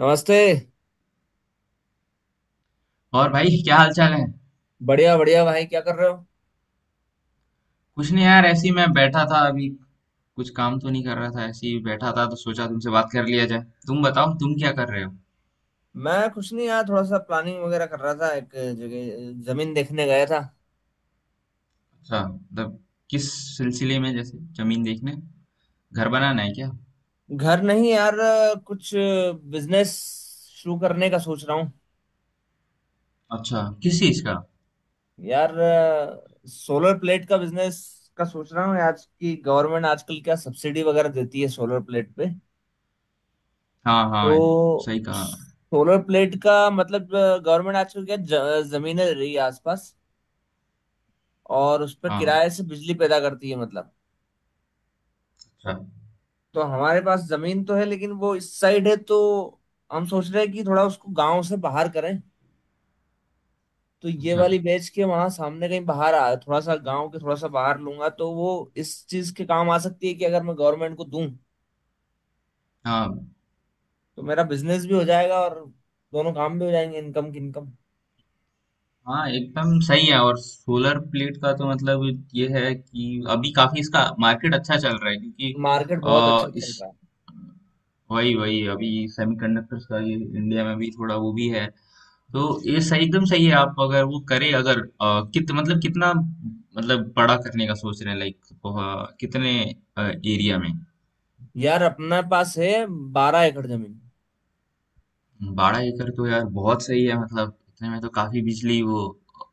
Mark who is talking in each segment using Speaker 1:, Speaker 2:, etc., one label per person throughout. Speaker 1: नमस्ते।
Speaker 2: और भाई क्या हाल चाल है।
Speaker 1: बढ़िया बढ़िया भाई, क्या कर रहे हो?
Speaker 2: कुछ नहीं यार, ऐसे ही मैं बैठा था अभी। कुछ काम तो नहीं कर रहा था, ऐसे ही बैठा था तो सोचा तुमसे बात कर लिया जाए। तुम बताओ, तुम क्या कर रहे हो?
Speaker 1: मैं कुछ नहीं यार, थोड़ा सा प्लानिंग वगैरह कर रहा था। एक जगह जमीन देखने गया था।
Speaker 2: अच्छा, मतलब किस सिलसिले में, जैसे जमीन देखने? घर बनाना है क्या?
Speaker 1: घर नहीं यार, कुछ बिजनेस शुरू करने का सोच रहा हूँ।
Speaker 2: अच्छा, किस चीज का?
Speaker 1: यार सोलर प्लेट का बिजनेस का सोच रहा हूँ। आज की गवर्नमेंट आजकल क्या सब्सिडी वगैरह देती है सोलर प्लेट पे।
Speaker 2: हाँ हाँ,
Speaker 1: तो
Speaker 2: सही कहा।
Speaker 1: सोलर प्लेट का मतलब, गवर्नमेंट आजकल क्या जमीनें ले रही है आसपास, और उस पर
Speaker 2: हाँ।
Speaker 1: किराए से बिजली पैदा करती है मतलब।
Speaker 2: अच्छा।
Speaker 1: तो हमारे पास जमीन तो है, लेकिन वो इस साइड है, तो हम सोच रहे हैं कि थोड़ा उसको गांव से बाहर करें। तो ये
Speaker 2: अच्छा।
Speaker 1: वाली बेच के वहां सामने कहीं बाहर आ थोड़ा सा गांव के थोड़ा सा बाहर लूंगा, तो वो इस चीज के काम आ सकती है कि अगर मैं गवर्नमेंट को दूं
Speaker 2: हाँ
Speaker 1: तो मेरा बिजनेस भी हो जाएगा, और दोनों काम भी हो जाएंगे, इनकम की इनकम।
Speaker 2: हाँ, एकदम सही है। और सोलर प्लेट का तो मतलब ये है कि अभी काफी इसका मार्केट अच्छा चल रहा है, क्योंकि
Speaker 1: मार्केट बहुत अच्छा चल
Speaker 2: इस
Speaker 1: रहा है।
Speaker 2: वही वही अभी सेमीकंडक्टर्स का ये इंडिया में भी थोड़ा वो भी है तो, ये सही एकदम सही है। आप अगर वो करे, अगर अ, कित मतलब कितना, मतलब बड़ा करने का सोच रहे हैं, लाइक कितने एरिया में?
Speaker 1: यार अपने पास है 12 एकड़ जमीन।
Speaker 2: 12 एकड़ तो यार बहुत सही है, मतलब इतने में तो काफी बिजली वो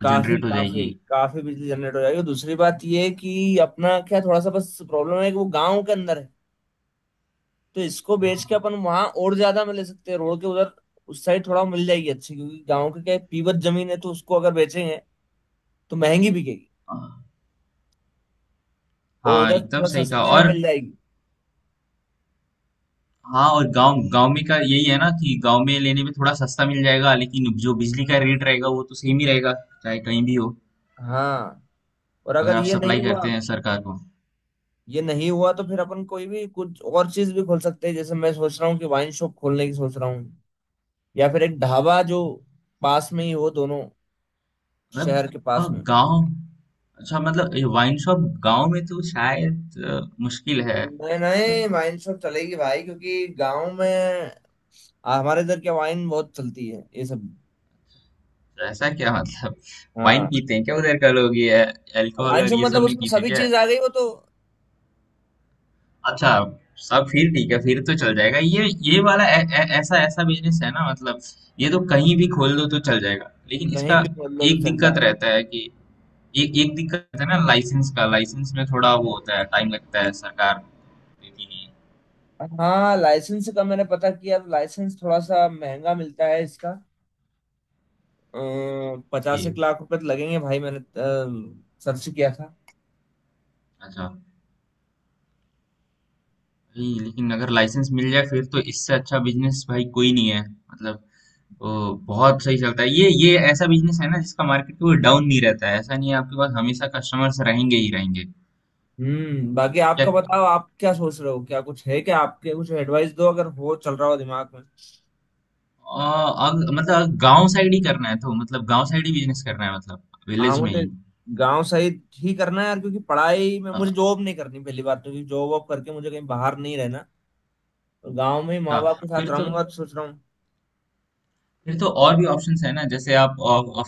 Speaker 1: काफी
Speaker 2: जनरेट हो
Speaker 1: काफी
Speaker 2: जाएगी।
Speaker 1: काफी बिजली जनरेट हो जाएगी। दूसरी बात ये है कि अपना क्या थोड़ा सा बस प्रॉब्लम है कि वो गांव के अंदर है, तो इसको बेच के अपन वहां और ज्यादा में ले सकते हैं रोड के उधर। उस साइड थोड़ा मिल जाएगी अच्छी, क्योंकि गांव के क्या है, पीवत जमीन है, तो उसको अगर बेचेंगे तो महंगी बिकेगी,
Speaker 2: अ,
Speaker 1: और
Speaker 2: हाँ
Speaker 1: उधर
Speaker 2: एकदम
Speaker 1: थोड़ा
Speaker 2: सही कहा।
Speaker 1: सस्ते में
Speaker 2: और
Speaker 1: मिल जाएगी।
Speaker 2: हाँ, और गांव गांव में का यही है ना, कि गांव में लेने में थोड़ा सस्ता मिल जाएगा, लेकिन जो बिजली का रेट रहेगा वो तो सेम ही रहेगा, चाहे कहीं भी हो।
Speaker 1: हाँ, और
Speaker 2: अगर
Speaker 1: अगर
Speaker 2: आप
Speaker 1: ये नहीं
Speaker 2: सप्लाई
Speaker 1: हुआ,
Speaker 2: करते हैं सरकार को।
Speaker 1: ये नहीं हुआ तो फिर अपन कोई भी कुछ और चीज भी खोल सकते हैं। जैसे मैं सोच रहा हूँ कि वाइन शॉप खोलने की सोच रहा हूँ, या फिर एक ढाबा जो पास में ही हो, दोनों
Speaker 2: मतलब
Speaker 1: शहर के पास
Speaker 2: और
Speaker 1: में।
Speaker 2: गांव, अच्छा मतलब ये वाइन शॉप गांव में तो शायद मुश्किल है।
Speaker 1: नहीं
Speaker 2: मतलब
Speaker 1: नहीं, वाइन शॉप चलेगी भाई, क्योंकि गांव में हमारे इधर क्या वाइन बहुत चलती है ये सब।
Speaker 2: ऐसा क्या मतलब, वाइन
Speaker 1: हाँ,
Speaker 2: पीते हैं क्या उधर का लोग, ये अल्कोहल और
Speaker 1: वांशो
Speaker 2: ये
Speaker 1: मतलब
Speaker 2: सब नहीं
Speaker 1: उसमें
Speaker 2: पीते
Speaker 1: सभी
Speaker 2: क्या?
Speaker 1: चीज आ गई वो तो,
Speaker 2: अच्छा, सब फिर ठीक है, फिर तो चल जाएगा। ये वाला ऐ, ऐ, ऐसा ऐसा बिजनेस है ना मतलब, ये तो कहीं भी खोल दो तो चल जाएगा, लेकिन
Speaker 1: कहीं
Speaker 2: इसका
Speaker 1: भी खोल लो तो
Speaker 2: एक
Speaker 1: चल
Speaker 2: दिक्कत
Speaker 1: जाएगा।
Speaker 2: रहता है कि एक एक दिक्कत है ना, लाइसेंस का। लाइसेंस में थोड़ा वो होता है, टाइम लगता है, सरकार देती नहीं है।
Speaker 1: हाँ, लाइसेंस का मैंने पता किया तो लाइसेंस थोड़ा सा महंगा मिलता है इसका। पचास
Speaker 2: वही।
Speaker 1: एक लाख रुपए तो लगेंगे भाई, मैंने सर्च किया था।
Speaker 2: अच्छा। भाई लेकिन अगर लाइसेंस मिल जाए फिर तो इससे अच्छा बिजनेस भाई कोई नहीं है, मतलब वो बहुत सही चलता है। ये ऐसा बिजनेस है ना जिसका मार्केट कोई डाउन नहीं रहता है, ऐसा नहीं है, आपके पास हमेशा कस्टमर्स रहेंगे ही रहेंगे।
Speaker 1: हम्म, बाकी
Speaker 2: क्या
Speaker 1: आपका बताओ, आप क्या सोच रहे हो, क्या कुछ है क्या, आपके कुछ एडवाइस दो अगर हो चल रहा हो दिमाग में।
Speaker 2: आ, मतलब गांव साइड ही करना है, तो मतलब गांव साइड ही बिजनेस करना है, मतलब
Speaker 1: हाँ,
Speaker 2: विलेज में
Speaker 1: मुझे
Speaker 2: ही?
Speaker 1: गांव सही ही करना है यार, क्योंकि पढ़ाई में
Speaker 2: अच्छा,
Speaker 1: मुझे जॉब नहीं करनी पहली बात, तो क्योंकि जॉब वॉब करके मुझे कहीं बाहर नहीं रहना। तो गांव में ही माँ बाप के
Speaker 2: फिर
Speaker 1: साथ
Speaker 2: तो
Speaker 1: रहूंगा, तो सोच रहा हूँ।
Speaker 2: और भी ऑप्शंस है ना, जैसे आप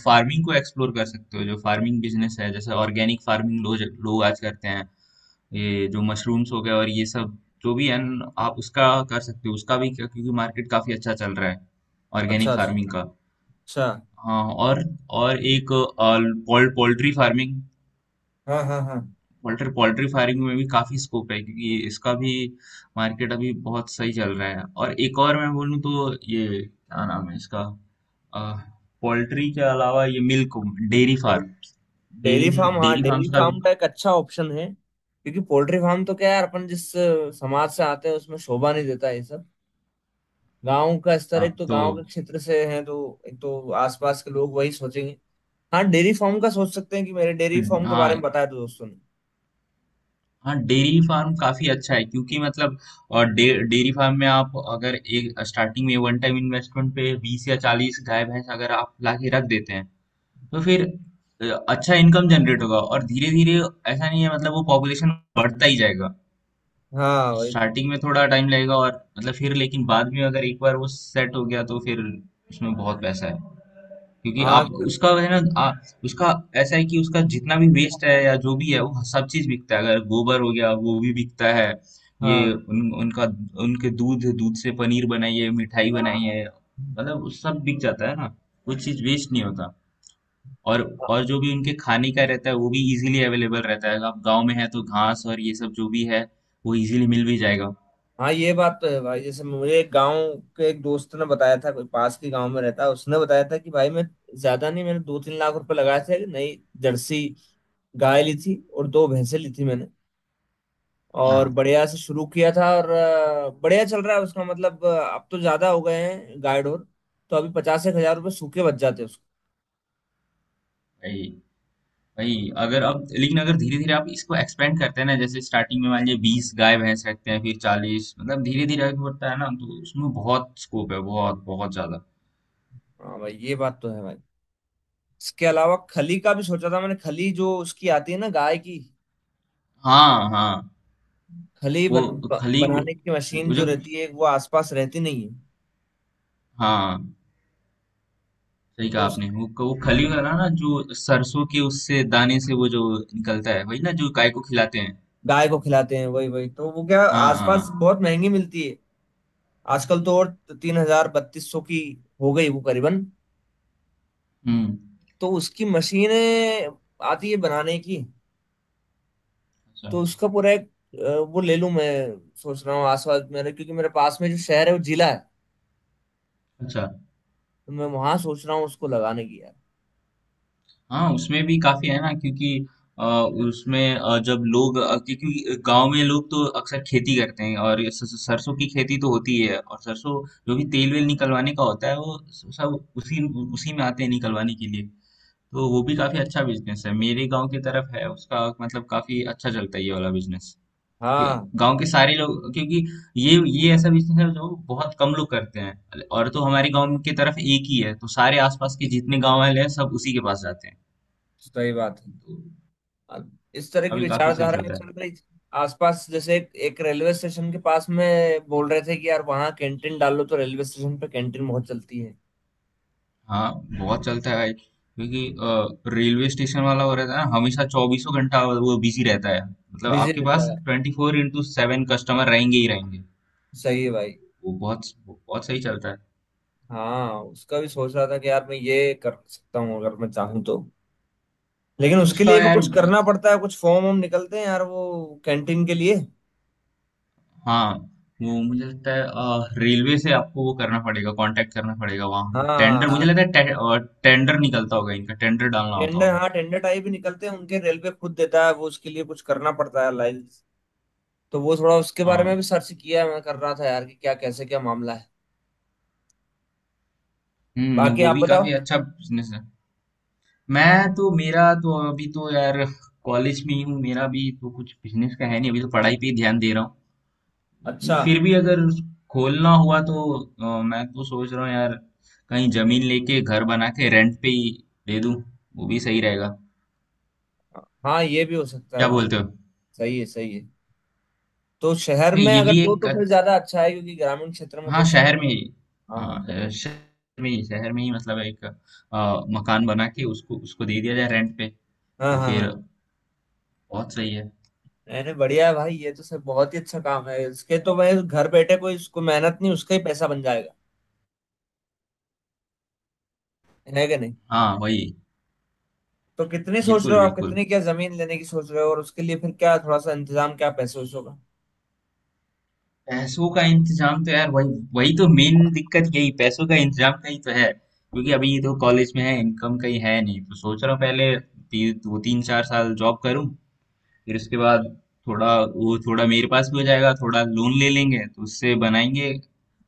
Speaker 2: फार्मिंग को एक्सप्लोर कर सकते हो। जो फार्मिंग बिजनेस है जैसे ऑर्गेनिक फार्मिंग लोग लोग आज करते हैं, ये जो मशरूम्स हो गए और ये सब जो भी है न, आप उसका कर सकते हो। उसका भी क्या- क्योंकि मार्केट काफी अच्छा चल रहा है
Speaker 1: अच्छा
Speaker 2: ऑर्गेनिक
Speaker 1: अच्छा
Speaker 2: फार्मिंग का।
Speaker 1: अच्छा।
Speaker 2: हाँ, और एक पोल्ट्री फार्मिंग।
Speaker 1: हाँ हाँ हाँ।
Speaker 2: पोल्ट्री पोल्ट्री फार्मिंग में भी काफी स्कोप है, क्योंकि इसका भी मार्केट अभी बहुत सही चल रहा है। और एक और मैं बोलूँ तो ये क्या नाम है इसका, पोल्ट्री के अलावा ये मिल्क, डेयरी
Speaker 1: और
Speaker 2: फार्म।
Speaker 1: डेयरी
Speaker 2: डेयरी
Speaker 1: फार्म, हाँ
Speaker 2: डेयरी फार्म्स
Speaker 1: डेयरी
Speaker 2: का
Speaker 1: फार्म
Speaker 2: भी।
Speaker 1: का एक अच्छा ऑप्शन है, क्योंकि पोल्ट्री फार्म तो क्या यार, अपन जिस समाज से आते हैं उसमें शोभा नहीं देता ये सब। गांव का स्तर
Speaker 2: हाँ
Speaker 1: एक तो
Speaker 2: तो।
Speaker 1: गांव के क्षेत्र से है, तो एक तो आसपास के लोग वही सोचेंगे। हाँ, डेयरी फार्म का सोच सकते हैं, कि मेरे डेयरी फार्म के
Speaker 2: हाँ
Speaker 1: बारे में बताया तो दोस्तों ने।
Speaker 2: हाँ, डेयरी फार्म काफी अच्छा है, क्योंकि मतलब अ, डे डेयरी फार्म में आप अगर एक स्टार्टिंग में वन टाइम इन्वेस्टमेंट पे 20 या 40 गाय भैंस अगर आप ला के रख देते हैं, तो फिर अच्छा इनकम जनरेट होगा। और धीरे धीरे, ऐसा नहीं है, मतलब वो पॉपुलेशन बढ़ता ही जाएगा।
Speaker 1: हाँ वही तो।
Speaker 2: स्टार्टिंग में थोड़ा टाइम लगेगा और मतलब फिर, लेकिन बाद में अगर एक बार वो सेट हो गया तो फिर उसमें बहुत पैसा है। क्योंकि
Speaker 1: हाँ
Speaker 2: आप उसका है ना, उसका ऐसा है कि उसका जितना भी वेस्ट है या जो भी है वो सब चीज बिकता है, अगर गोबर हो गया वो भी बिकता है।
Speaker 1: हाँ
Speaker 2: ये उनका, उनके दूध दूध से पनीर बनाइए, मिठाई बनाइए, मतलब उस सब बिक जाता है ना, कुछ चीज वेस्ट नहीं होता। और और जो भी उनके खाने का रहता है वो भी इजीली अवेलेबल रहता है, आप गांव में है तो घास और ये सब जो भी है वो इजीली मिल भी जाएगा।
Speaker 1: हाँ, ये बात तो है भाई। जैसे मुझे एक गांव के एक दोस्त ने बताया था, कोई पास के गांव में रहता है, उसने बताया था कि भाई मैं ज्यादा नहीं, मैंने 2 3 लाख रुपए लगाए थे। नई जर्सी गाय ली थी और दो भैंसें ली थी मैंने, और
Speaker 2: हाँ
Speaker 1: बढ़िया से शुरू किया था, और बढ़िया चल रहा है उसका मतलब अब तो ज्यादा हो गए हैं गाय डोर। तो अभी 50 एक हजार रुपये सूखे बच जाते हैं उसको।
Speaker 2: वही। अगर अब, लेकिन अगर धीरे धीरे आप इसको एक्सपेंड करते हैं ना, जैसे स्टार्टिंग में मान लीजिए 20 गाय भैंस रखते हैं, फिर 40, मतलब धीरे धीरे आगे बढ़ता है ना, तो उसमें बहुत स्कोप है, बहुत बहुत ज्यादा।
Speaker 1: हाँ भाई, ये बात तो है भाई। इसके अलावा खली का भी सोचा था मैंने, खली जो उसकी आती है ना गाय की,
Speaker 2: हाँ हाँ,
Speaker 1: खली
Speaker 2: वो खली वो,
Speaker 1: बनाने की मशीन
Speaker 2: वो
Speaker 1: जो
Speaker 2: जो,
Speaker 1: रहती है वो आसपास रहती नहीं है।
Speaker 2: हाँ सही कहा
Speaker 1: तो उस
Speaker 2: आपने, वो खली वाला ना, जो सरसों के, उससे दाने से वो जो निकलता है, वही ना जो गाय को खिलाते हैं।
Speaker 1: गाय को खिलाते हैं वही वही, तो वो क्या
Speaker 2: हाँ
Speaker 1: आसपास
Speaker 2: हाँ।
Speaker 1: बहुत महंगी मिलती है आजकल तो, और 3000 3200 की हो गई वो करीबन।
Speaker 2: हम्म।
Speaker 1: तो उसकी मशीनें आती है बनाने की,
Speaker 2: अच्छा
Speaker 1: तो उसका पूरा एक वो ले लूं मैं, सोच रहा हूँ आसपास मेरे, क्योंकि मेरे पास में जो शहर है वो जिला है।
Speaker 2: अच्छा।
Speaker 1: तो मैं वहां सोच रहा हूँ उसको लगाने की यार।
Speaker 2: हाँ, उसमें भी काफी है ना, क्योंकि अ, उसमें जब लोग क्योंकि गांव में लोग तो अक्सर खेती करते हैं, और ये सरसों की खेती तो होती है, और सरसों जो भी तेल वेल निकलवाने का होता है वो सब उसी उसी में आते हैं निकलवाने के लिए। तो वो भी काफी अच्छा बिजनेस है, मेरे गांव की तरफ है उसका, मतलब काफी अच्छा चलता है ये वाला बिजनेस,
Speaker 1: हाँ
Speaker 2: क्योंकि गांव के सारे लोग, क्योंकि ये ऐसा बिजनेस है जो बहुत कम लोग करते हैं, और तो हमारे गांव की तरफ एक ही है, तो सारे आसपास के जितने गांव वाले हैं सब उसी के पास जाते हैं,
Speaker 1: तो सही बात है।
Speaker 2: तो
Speaker 1: अब इस तरह की
Speaker 2: अभी काफी सही
Speaker 1: विचारधाराएं
Speaker 2: चलता है।
Speaker 1: चल रही थी आसपास। जैसे एक रेलवे स्टेशन के पास में बोल रहे थे कि यार वहाँ कैंटीन डाल लो तो रेलवे स्टेशन पे कैंटीन बहुत चलती है।
Speaker 2: हाँ बहुत चलता है भाई, क्योंकि रेलवे स्टेशन वाला हो रहता है ना, हमेशा चौबीसों घंटा वो बिजी रहता है, मतलब
Speaker 1: बिजी
Speaker 2: आपके
Speaker 1: रहता
Speaker 2: पास
Speaker 1: है,
Speaker 2: 24x7 कस्टमर रहेंगे ही रहेंगे,
Speaker 1: सही है भाई।
Speaker 2: वो बहुत बहुत सही चलता है।
Speaker 1: हाँ, उसका भी सोच रहा था कि यार मैं ये कर सकता हूँ अगर मैं चाहूँ तो, लेकिन
Speaker 2: लेकिन
Speaker 1: उसके
Speaker 2: उसका
Speaker 1: लिए भी
Speaker 2: यार,
Speaker 1: कुछ करना पड़ता है, कुछ फॉर्म वॉर्म निकलते हैं यार वो कैंटीन के लिए।
Speaker 2: हाँ, वो मुझे लगता है रेलवे से आपको वो करना पड़ेगा, कांटेक्ट करना पड़ेगा वहाँ, टेंडर मुझे
Speaker 1: हाँ,
Speaker 2: लगता है टेंडर निकलता होगा इनका, टेंडर डालना होता
Speaker 1: टेंडर,
Speaker 2: होगा।
Speaker 1: हाँ टेंडर टाइप ही निकलते हैं उनके, रेलवे खुद देता है वो, उसके लिए कुछ करना पड़ता है लाइन। तो वो थोड़ा उसके बारे में
Speaker 2: हाँ
Speaker 1: भी सर्च किया है मैं कर रहा था यार, कि क्या कैसे क्या मामला है।
Speaker 2: हम्म,
Speaker 1: बाकी
Speaker 2: वो
Speaker 1: आप
Speaker 2: भी काफी
Speaker 1: बताओ।
Speaker 2: अच्छा बिजनेस है। मैं तो, मेरा तो अभी तो यार कॉलेज में ही हूँ, मेरा भी तो कुछ बिजनेस का है नहीं, अभी तो पढ़ाई पे ही ध्यान दे रहा हूँ। लेकिन
Speaker 1: अच्छा।
Speaker 2: फिर भी अगर खोलना हुआ तो मैं तो सोच रहा हूँ यार, कहीं जमीन लेके घर बना के रेंट पे ही दे दूँ, वो भी सही रहेगा।
Speaker 1: हाँ ये भी हो सकता
Speaker 2: क्या
Speaker 1: है भाई।
Speaker 2: बोलते हो?
Speaker 1: सही है सही है। तो शहर में
Speaker 2: ये
Speaker 1: अगर
Speaker 2: भी
Speaker 1: दो
Speaker 2: एक
Speaker 1: तो फिर ज्यादा अच्छा है, क्योंकि ग्रामीण क्षेत्र में तो
Speaker 2: हाँ
Speaker 1: इसका,
Speaker 2: शहर में ही,
Speaker 1: हाँ हाँ
Speaker 2: हाँ शहर में ही, मतलब एक मकान बना के उसको उसको दे दिया जाए रेंट पे,
Speaker 1: हाँ।
Speaker 2: तो
Speaker 1: हाँ
Speaker 2: फिर
Speaker 1: हाँ।
Speaker 2: बहुत सही है।
Speaker 1: मैंने बढ़िया है भाई, ये तो सब बहुत ही अच्छा काम है इसके तो भाई, घर बैठे कोई इसको मेहनत नहीं, उसका ही पैसा बन जाएगा, है कि नहीं।
Speaker 2: हाँ वही।
Speaker 1: तो कितनी सोच
Speaker 2: बिल्कुल
Speaker 1: रहे हो आप,
Speaker 2: बिल्कुल,
Speaker 1: कितनी क्या जमीन लेने की सोच रहे हो, और उसके लिए फिर क्या थोड़ा सा इंतजाम क्या पैसे वैसों का?
Speaker 2: पैसों का इंतजाम तो यार, वही वही तो मेन दिक्कत, यही पैसों का इंतजाम का ही तो है, क्योंकि अभी ये तो कॉलेज में है, इनकम कहीं है नहीं, तो सोच रहा हूँ पहले दो तीन चार साल जॉब करूँ, फिर उसके बाद थोड़ा वो, थोड़ा मेरे पास भी हो जाएगा, थोड़ा लोन ले लेंगे तो उससे बनाएंगे।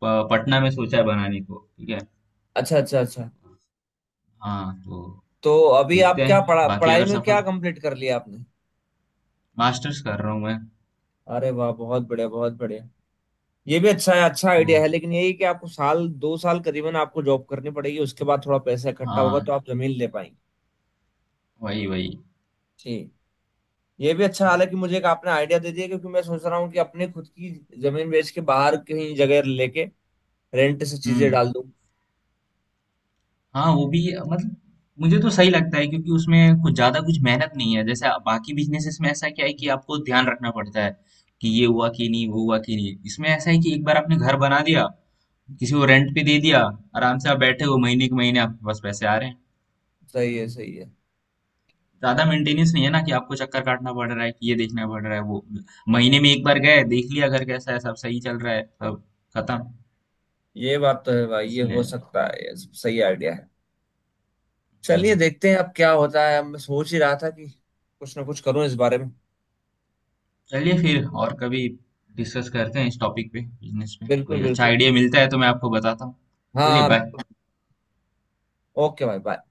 Speaker 2: पटना में सोचा है बनाने को, ठीक है।
Speaker 1: अच्छा अच्छा अच्छा।
Speaker 2: हाँ तो,
Speaker 1: तो अभी आप
Speaker 2: देखते
Speaker 1: क्या
Speaker 2: हैं बाकी
Speaker 1: पढ़ाई
Speaker 2: अगर
Speaker 1: में क्या
Speaker 2: सफल,
Speaker 1: कंप्लीट कर लिया आपने?
Speaker 2: मास्टर्स कर रहा हूँ मैं।
Speaker 1: अरे वाह, बहुत बढ़िया बहुत बढ़िया। ये भी अच्छा है, अच्छा
Speaker 2: वो
Speaker 1: आइडिया है। लेकिन यही कि आपको 1 2 साल करीबन आपको जॉब करनी पड़ेगी, उसके बाद थोड़ा पैसा इकट्ठा होगा
Speaker 2: हाँ,
Speaker 1: तो आप जमीन ले पाएंगे।
Speaker 2: वही वही।
Speaker 1: जी। ये भी अच्छा, हालांकि मुझे एक आपने आइडिया दे दिया, क्योंकि मैं सोच रहा हूँ कि अपने खुद की जमीन बेच के बाहर कहीं जगह लेके रेंट से चीजें
Speaker 2: हम्म।
Speaker 1: डाल दूँ।
Speaker 2: हाँ, वो भी मतलब मुझे तो सही लगता है, क्योंकि उसमें कुछ ज्यादा कुछ मेहनत नहीं है, जैसे बाकी बिजनेसेस में ऐसा क्या है कि आपको ध्यान रखना पड़ता है कि ये हुआ कि नहीं, वो हुआ कि नहीं। इसमें ऐसा है कि एक बार आपने घर बना दिया, किसी को रेंट पे दे दिया, आराम से आप बैठे हो, महीने के महीने आपके पास पैसे आ रहे हैं।
Speaker 1: सही है सही है।
Speaker 2: ज्यादा मेंटेनेंस नहीं है ना, कि आपको चक्कर काटना पड़ रहा है, कि ये देखना पड़ रहा है, वो महीने में एक बार गए देख लिया घर कैसा है, सब सही चल रहा है, सब खत्म।
Speaker 1: ये बात तो है भाई, ये हो
Speaker 2: इसलिए
Speaker 1: सकता है, ये सही आइडिया है। चलिए
Speaker 2: हम्म।
Speaker 1: देखते हैं अब क्या होता है, मैं सोच ही रहा था कि कुछ ना कुछ करूँ इस बारे में।
Speaker 2: चलिए, फिर और कभी डिस्कस करते हैं इस टॉपिक पे, बिजनेस पे
Speaker 1: बिल्कुल
Speaker 2: कोई अच्छा
Speaker 1: बिल्कुल।
Speaker 2: आइडिया मिलता है तो मैं आपको बताता हूँ। चलिए,
Speaker 1: हाँ
Speaker 2: बाय।
Speaker 1: बिल्कुल। ओके भाई, बाय।